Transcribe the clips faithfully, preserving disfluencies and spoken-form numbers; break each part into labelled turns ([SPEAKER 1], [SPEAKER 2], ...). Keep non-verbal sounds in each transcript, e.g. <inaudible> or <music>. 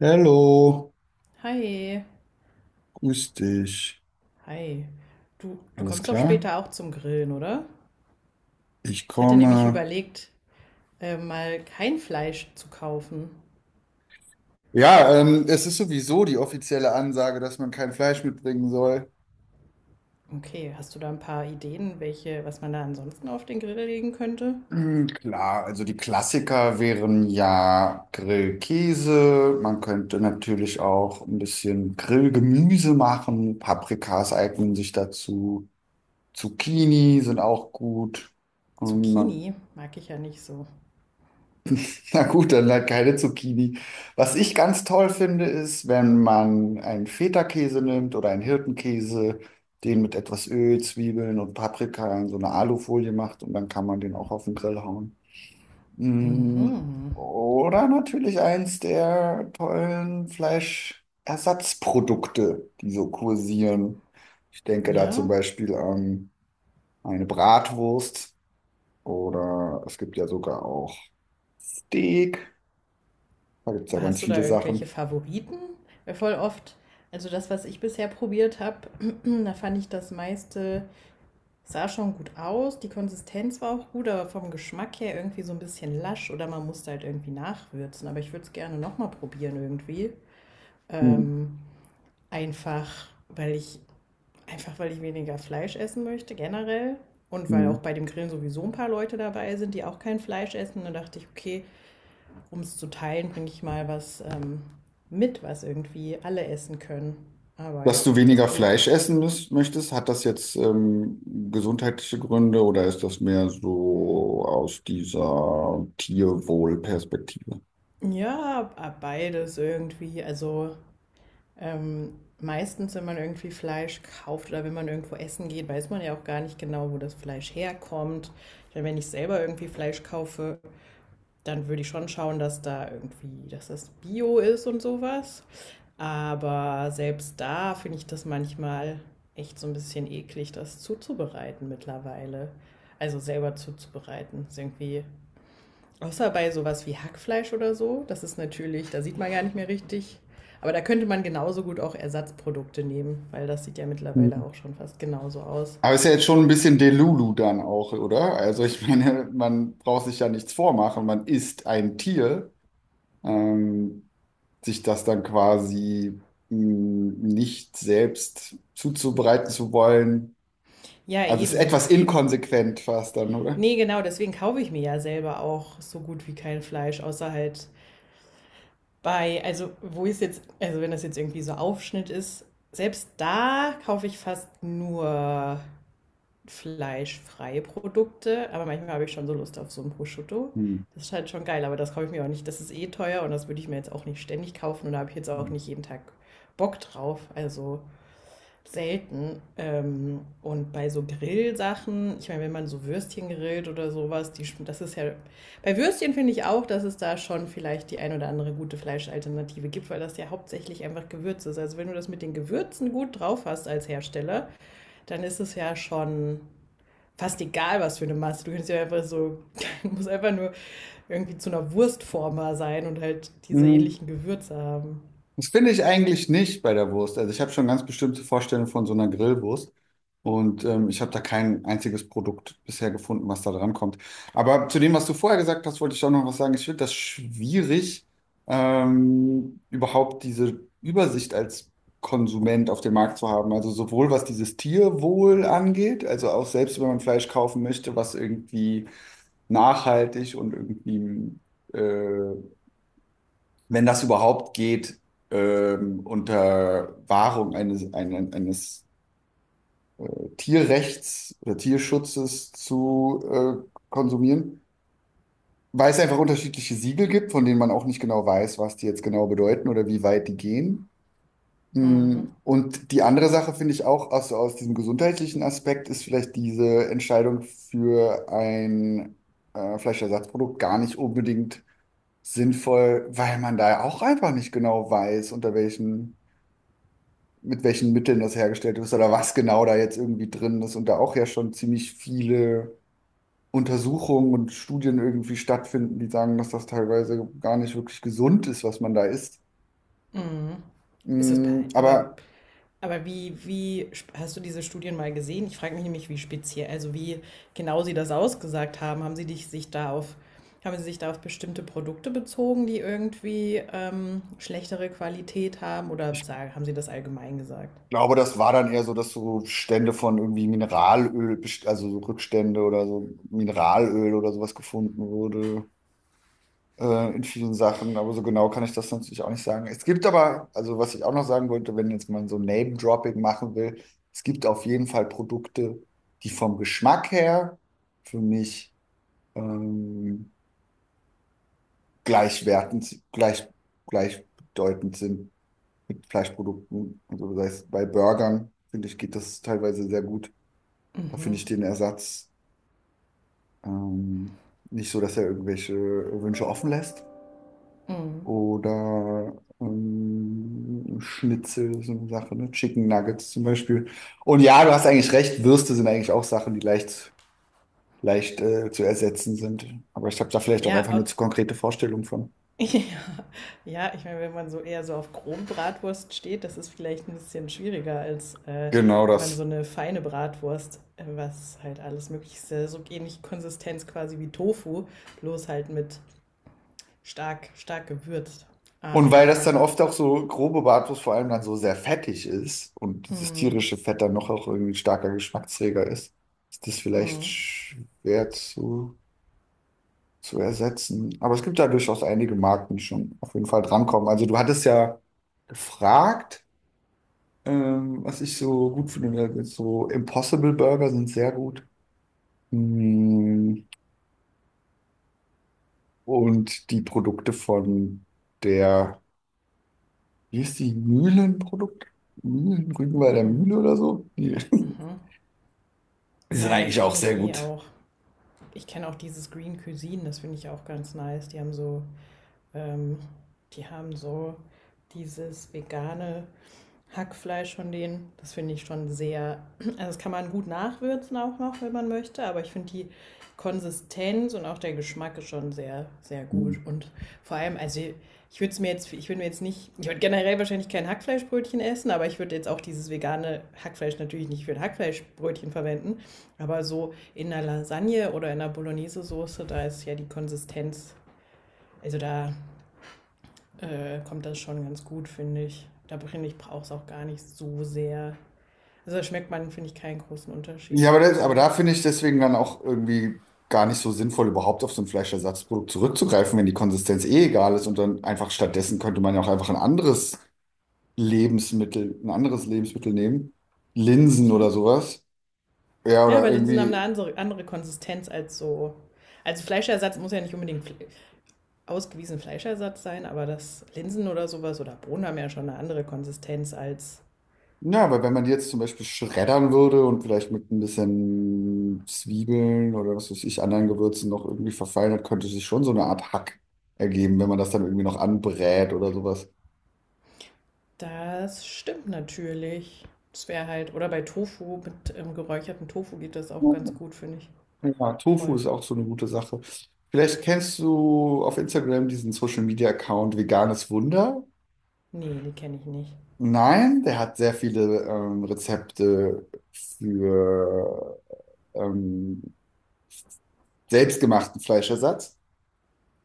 [SPEAKER 1] Hallo,
[SPEAKER 2] Hi,
[SPEAKER 1] grüß dich.
[SPEAKER 2] hi. Du, du
[SPEAKER 1] Alles
[SPEAKER 2] kommst doch
[SPEAKER 1] klar?
[SPEAKER 2] später auch zum Grillen, oder?
[SPEAKER 1] Ich
[SPEAKER 2] Ich hatte nämlich
[SPEAKER 1] komme.
[SPEAKER 2] überlegt, äh, mal kein Fleisch zu kaufen.
[SPEAKER 1] Ja, ähm, es ist sowieso die offizielle Ansage, dass man kein Fleisch mitbringen soll.
[SPEAKER 2] Okay, hast du da ein paar Ideen, welche, was man da ansonsten auf den Grill legen könnte?
[SPEAKER 1] Hm, klar, also die Klassiker wären ja Grillkäse. Man könnte natürlich auch ein bisschen Grillgemüse machen. Paprikas eignen sich dazu. Zucchini sind auch gut. Und man
[SPEAKER 2] Zucchini mag ich ja nicht so.
[SPEAKER 1] <laughs> na gut, dann halt keine Zucchini. Was ich ganz toll finde, ist, wenn man einen Feta-Käse nimmt oder einen Hirtenkäse, den mit etwas Öl, Zwiebeln und Paprika in so eine Alufolie macht und dann kann man den auch auf den Grill hauen. Mm, Oder natürlich eins der tollen Fleischersatzprodukte, die so kursieren. Ich denke da zum
[SPEAKER 2] Ja,
[SPEAKER 1] Beispiel an eine Bratwurst oder es gibt ja sogar auch Steak. Da gibt es ja
[SPEAKER 2] aber hast
[SPEAKER 1] ganz
[SPEAKER 2] du da
[SPEAKER 1] viele
[SPEAKER 2] irgendwelche
[SPEAKER 1] Sachen.
[SPEAKER 2] Favoriten? Weil voll oft, also das, was ich bisher probiert habe, <clears throat> da fand ich das meiste sah schon gut aus, die Konsistenz war auch gut, aber vom Geschmack her irgendwie so ein bisschen lasch oder man musste halt irgendwie nachwürzen. Aber ich würde es gerne nochmal probieren irgendwie.
[SPEAKER 1] Hm,
[SPEAKER 2] Ähm, Einfach, weil ich, einfach weil ich weniger Fleisch essen möchte, generell. Und weil
[SPEAKER 1] hm.
[SPEAKER 2] auch bei dem Grillen sowieso ein paar Leute dabei sind, die auch kein Fleisch essen. Dann dachte ich, okay, um es zu teilen, bringe ich mal was ähm, mit, was irgendwie alle essen können. Aber
[SPEAKER 1] Dass
[SPEAKER 2] ja,
[SPEAKER 1] du
[SPEAKER 2] vielleicht hast
[SPEAKER 1] weniger
[SPEAKER 2] du.
[SPEAKER 1] Fleisch essen müß- möchtest, hat das jetzt ähm, gesundheitliche Gründe oder ist das mehr so aus dieser Tierwohlperspektive?
[SPEAKER 2] Ja, beides irgendwie. Also Ähm, meistens, wenn man irgendwie Fleisch kauft oder wenn man irgendwo essen geht, weiß man ja auch gar nicht genau, wo das Fleisch herkommt. Ich meine, wenn ich selber irgendwie Fleisch kaufe, dann würde ich schon schauen, dass da irgendwie, dass das Bio ist und sowas. Aber selbst da finde ich das manchmal echt so ein bisschen eklig, das zuzubereiten mittlerweile. Also selber zuzubereiten. Ist irgendwie außer bei sowas wie Hackfleisch oder so, das ist natürlich, da sieht man gar nicht mehr richtig. Aber da könnte man genauso gut auch Ersatzprodukte nehmen, weil das sieht ja mittlerweile
[SPEAKER 1] Hm.
[SPEAKER 2] auch schon fast genauso aus.
[SPEAKER 1] Aber ist ja jetzt schon ein bisschen Delulu dann auch, oder? Also ich <laughs> meine, man braucht sich ja nichts vormachen, man isst ein Tier, ähm, sich das dann quasi mh, nicht selbst zuzubereiten zu wollen.
[SPEAKER 2] Ja,
[SPEAKER 1] Also ist
[SPEAKER 2] eben,
[SPEAKER 1] etwas
[SPEAKER 2] eben.
[SPEAKER 1] inkonsequent fast dann, oder?
[SPEAKER 2] Nee, genau, deswegen kaufe ich mir ja selber auch so gut wie kein Fleisch, außer halt bei, also wo ist jetzt, also wenn das jetzt irgendwie so Aufschnitt ist, selbst da kaufe ich fast nur fleischfreie Produkte, aber manchmal habe ich schon so Lust auf so ein Prosciutto.
[SPEAKER 1] Hm.
[SPEAKER 2] Das ist halt schon geil, aber das kaufe ich mir auch nicht. Das ist eh teuer und das würde ich mir jetzt auch nicht ständig kaufen und da habe ich jetzt auch
[SPEAKER 1] Hm.
[SPEAKER 2] nicht jeden Tag Bock drauf, also selten. Ähm, und bei so Grillsachen, ich meine, wenn man so Würstchen grillt oder sowas, die, das ist ja. Bei Würstchen finde ich auch, dass es da schon vielleicht die ein oder andere gute Fleischalternative gibt, weil das ja hauptsächlich einfach Gewürz ist. Also wenn du das mit den Gewürzen gut drauf hast als Hersteller, dann ist es ja schon fast egal, was für eine Masse. Du kannst ja einfach so, <laughs> du musst einfach nur irgendwie zu einer Wurstformer sein und halt diese
[SPEAKER 1] Mhm.
[SPEAKER 2] ähnlichen Gewürze haben.
[SPEAKER 1] Das finde ich eigentlich nicht bei der Wurst. Also ich habe schon ganz bestimmte Vorstellungen von so einer Grillwurst und ähm, ich habe da kein einziges Produkt bisher gefunden, was da dran kommt. Aber zu dem, was du vorher gesagt hast, wollte ich auch noch was sagen. Ich finde das schwierig, ähm, überhaupt diese Übersicht als Konsument auf dem Markt zu haben. Also sowohl was dieses Tierwohl angeht, also auch selbst wenn man Fleisch kaufen möchte, was irgendwie nachhaltig und irgendwie äh, wenn das überhaupt geht, ähm, unter Wahrung eines, eines, eines Tierrechts oder Tierschutzes zu äh, konsumieren, weil es einfach unterschiedliche Siegel gibt, von denen man auch nicht genau weiß, was die jetzt genau bedeuten oder wie weit die gehen. Mm, Und die andere Sache finde ich auch aus, aus diesem gesundheitlichen Aspekt ist vielleicht diese Entscheidung für ein äh, Fleischersatzprodukt gar nicht unbedingt sinnvoll, weil man da auch einfach nicht genau weiß, unter welchen mit welchen Mitteln das hergestellt ist oder was genau da jetzt irgendwie drin ist. Und da auch ja schon ziemlich viele Untersuchungen und Studien irgendwie stattfinden, die sagen, dass das teilweise gar nicht wirklich gesund ist, was man da isst.
[SPEAKER 2] Mhm. Ist das bei,
[SPEAKER 1] Mm,
[SPEAKER 2] aber,
[SPEAKER 1] Aber
[SPEAKER 2] aber wie, wie hast du diese Studien mal gesehen? Ich frage mich nämlich, wie speziell, also wie genau sie das ausgesagt haben. Haben sie dich, sich da auf, Haben sie sich da auf bestimmte Produkte bezogen, die irgendwie ähm, schlechtere Qualität haben oder
[SPEAKER 1] ich
[SPEAKER 2] sagen, haben sie das allgemein gesagt?
[SPEAKER 1] glaube, das war dann eher so, dass so Stände von irgendwie Mineralöl, best- also so Rückstände oder so Mineralöl oder sowas gefunden wurde. Äh, in vielen Sachen, aber so genau kann ich das natürlich auch nicht sagen. Es gibt aber, also was ich auch noch sagen wollte, wenn jetzt man so Name-Dropping machen will, es gibt auf jeden Fall Produkte, die vom Geschmack her für mich ähm, gleichwertend, gleich, gleichbedeutend sind mit Fleischprodukten. Also das heißt, bei Burgern, finde ich, geht das teilweise sehr gut. Da finde
[SPEAKER 2] Mhm.
[SPEAKER 1] ich den Ersatz ähm, nicht so, dass er irgendwelche Wünsche offen lässt.
[SPEAKER 2] Mhm.
[SPEAKER 1] Oder ähm, Schnitzel, so eine Sache, ne? Chicken Nuggets zum Beispiel. Und ja, du hast eigentlich recht, Würste sind eigentlich auch Sachen, die leicht, leicht äh, zu ersetzen sind. Aber ich habe da vielleicht auch einfach
[SPEAKER 2] Ja,
[SPEAKER 1] nur zu konkrete Vorstellungen von.
[SPEAKER 2] <laughs> ja, ja, ich meine, wenn man so eher so auf Kronbratwurst steht, das ist vielleicht ein bisschen schwieriger, als äh,
[SPEAKER 1] Genau
[SPEAKER 2] wenn man so
[SPEAKER 1] das.
[SPEAKER 2] eine feine Bratwurst, äh, was halt alles möglich ist, äh, so ähnlich Konsistenz quasi wie Tofu, bloß halt mit stark, stark gewürzt.
[SPEAKER 1] Und weil das
[SPEAKER 2] Aber
[SPEAKER 1] dann oft auch so grobe Bratwurst vor allem dann so sehr fettig ist und dieses
[SPEAKER 2] mm,
[SPEAKER 1] tierische Fett dann noch auch irgendwie ein starker Geschmacksträger ist, ist das vielleicht schwer zu zu ersetzen. Aber es gibt ja durchaus einige Marken, die schon auf jeden Fall drankommen. Also du hattest ja gefragt, ähm, was ich so gut finde. So Impossible Burger sind sehr gut. Mm, Und die Produkte von der, wie ist die, Mühlenprodukt? Mühlen, Rügenwalder
[SPEAKER 2] mm,
[SPEAKER 1] Mühle oder so? Die, <laughs>
[SPEAKER 2] mhm.
[SPEAKER 1] die
[SPEAKER 2] Ja,
[SPEAKER 1] sind
[SPEAKER 2] ja, die
[SPEAKER 1] eigentlich auch
[SPEAKER 2] kenne ich
[SPEAKER 1] sehr
[SPEAKER 2] eh
[SPEAKER 1] gut.
[SPEAKER 2] auch. Ich kenne auch dieses Green Cuisine, das finde ich auch ganz nice. Die haben so, ähm, die haben so dieses vegane Hackfleisch von denen. Das finde ich schon sehr. <clears throat> Also das kann man gut nachwürzen auch noch, wenn man möchte. Aber ich finde die Konsistenz und auch der Geschmack ist schon sehr, sehr
[SPEAKER 1] Hm.
[SPEAKER 2] gut. Und vor allem, also ich würde es mir jetzt, ich würde mir jetzt nicht, ich würde generell wahrscheinlich kein Hackfleischbrötchen essen, aber ich würde jetzt auch dieses vegane Hackfleisch natürlich nicht für ein Hackfleischbrötchen verwenden. Aber so in einer Lasagne oder in einer Bolognese-Soße, da ist ja die Konsistenz, also da äh, kommt das schon ganz gut, finde ich. Da finde ich, brauche es auch gar nicht so sehr also da schmeckt man, finde ich, keinen großen
[SPEAKER 1] Ja,
[SPEAKER 2] Unterschied,
[SPEAKER 1] aber, das,
[SPEAKER 2] wenn
[SPEAKER 1] aber
[SPEAKER 2] man
[SPEAKER 1] da finde ich deswegen dann auch irgendwie gar nicht so sinnvoll, überhaupt auf so ein Fleischersatzprodukt zurückzugreifen, wenn die Konsistenz eh egal ist und dann einfach stattdessen könnte man ja auch einfach ein anderes Lebensmittel, ein anderes Lebensmittel nehmen. Linsen
[SPEAKER 2] Gemüse.
[SPEAKER 1] oder sowas. Ja,
[SPEAKER 2] Ja, aber
[SPEAKER 1] oder
[SPEAKER 2] Linsen haben
[SPEAKER 1] irgendwie,
[SPEAKER 2] eine andere, andere Konsistenz als so. Also Fleischersatz muss ja nicht unbedingt fle ausgewiesen Fleischersatz sein, aber das Linsen oder sowas oder Bohnen haben ja schon eine andere Konsistenz als
[SPEAKER 1] ja, weil wenn man die jetzt zum Beispiel schreddern würde und vielleicht mit ein bisschen Zwiebeln oder was weiß ich, anderen Gewürzen noch irgendwie verfeinert, könnte sich schon so eine Art Hack ergeben, wenn man das dann irgendwie noch anbrät oder sowas.
[SPEAKER 2] das stimmt natürlich. Das wäre halt, oder bei Tofu, mit ähm, geräuchertem Tofu geht das auch ganz gut, finde ich.
[SPEAKER 1] Ja, Tofu
[SPEAKER 2] Voll.
[SPEAKER 1] ist auch so eine gute Sache. Vielleicht kennst du auf Instagram diesen Social Media Account Veganes Wunder?
[SPEAKER 2] Nee, die kenne ich nicht.
[SPEAKER 1] Nein, der hat sehr viele ähm, Rezepte für ähm, selbstgemachten Fleischersatz.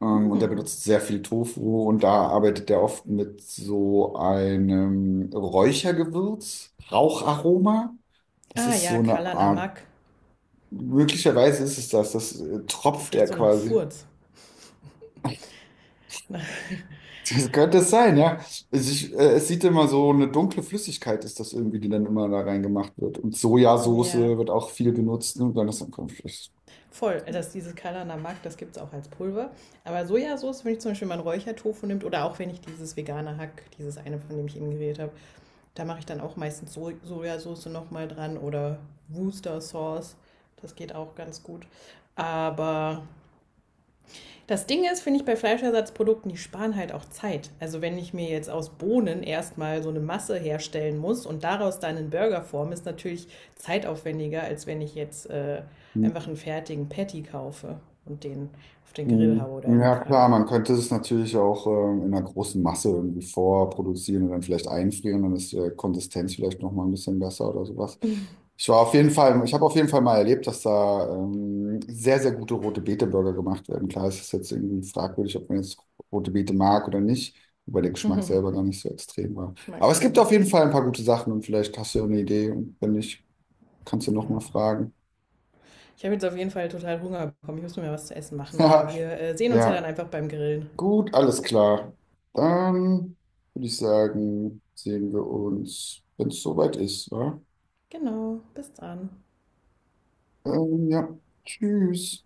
[SPEAKER 1] Ähm, und der
[SPEAKER 2] Hm.
[SPEAKER 1] benutzt sehr viel Tofu und da arbeitet er oft mit so einem Räuchergewürz, Raucharoma. Das
[SPEAKER 2] Ah
[SPEAKER 1] ist so
[SPEAKER 2] ja,
[SPEAKER 1] eine Art,
[SPEAKER 2] Kalanamak.
[SPEAKER 1] möglicherweise ist es das, das äh,
[SPEAKER 2] Das
[SPEAKER 1] tropft
[SPEAKER 2] riecht
[SPEAKER 1] er
[SPEAKER 2] so nach
[SPEAKER 1] quasi.
[SPEAKER 2] Furz.
[SPEAKER 1] Das könnte es sein, ja. Es, ich, äh, es sieht immer so eine dunkle Flüssigkeit, ist das irgendwie, die dann immer da reingemacht wird. Und
[SPEAKER 2] <laughs>
[SPEAKER 1] Sojasauce
[SPEAKER 2] Ja,
[SPEAKER 1] wird auch viel genutzt. Ne? Dann ist dann kommt es.
[SPEAKER 2] voll, dass dieses Kalana Mag, das gibt es auch als Pulver. Aber Sojasauce, wenn ich zum Beispiel mal einen Räuchertofu nimmt oder auch wenn ich dieses vegane Hack, dieses eine, von dem ich eben geredet habe, da mache ich dann auch meistens so Sojasauce nochmal dran oder Worcester Sauce. Das geht auch ganz gut. Aber das Ding ist, finde ich bei Fleischersatzprodukten, die sparen halt auch Zeit. Also wenn ich mir jetzt aus Bohnen erstmal so eine Masse herstellen muss und daraus dann einen Burger forme, ist natürlich zeitaufwendiger, als wenn ich jetzt äh, einfach einen fertigen Patty kaufe und den auf den Grill
[SPEAKER 1] Mhm.
[SPEAKER 2] haue oder in die
[SPEAKER 1] Ja,
[SPEAKER 2] Pfanne.
[SPEAKER 1] klar, man könnte es natürlich auch ähm, in einer großen Masse irgendwie vorproduzieren und dann vielleicht einfrieren, dann ist die Konsistenz vielleicht noch mal ein bisschen besser oder sowas. Ich war auf jeden Fall, ich habe auf jeden Fall mal erlebt, dass da ähm, sehr, sehr gute rote Bete-Burger gemacht werden. Klar, es ist jetzt irgendwie fragwürdig, ob man jetzt rote Beete mag oder nicht, wobei der Geschmack selber
[SPEAKER 2] <laughs>
[SPEAKER 1] gar nicht so extrem war.
[SPEAKER 2] Ich mag
[SPEAKER 1] Aber es gibt
[SPEAKER 2] keine.
[SPEAKER 1] auf jeden Fall ein paar gute Sachen und vielleicht hast du ja eine Idee und wenn nicht, kannst du noch mal
[SPEAKER 2] Ja.
[SPEAKER 1] fragen.
[SPEAKER 2] Ich habe jetzt auf jeden Fall total Hunger bekommen. Ich muss mir was zu essen machen, aber
[SPEAKER 1] <laughs>
[SPEAKER 2] wir äh, sehen uns ja dann
[SPEAKER 1] Ja.
[SPEAKER 2] einfach beim Grillen.
[SPEAKER 1] Gut, alles klar. Dann würde ich sagen, sehen wir uns, wenn es soweit ist, wa?
[SPEAKER 2] Genau, bis dann.
[SPEAKER 1] Ähm, ja, tschüss.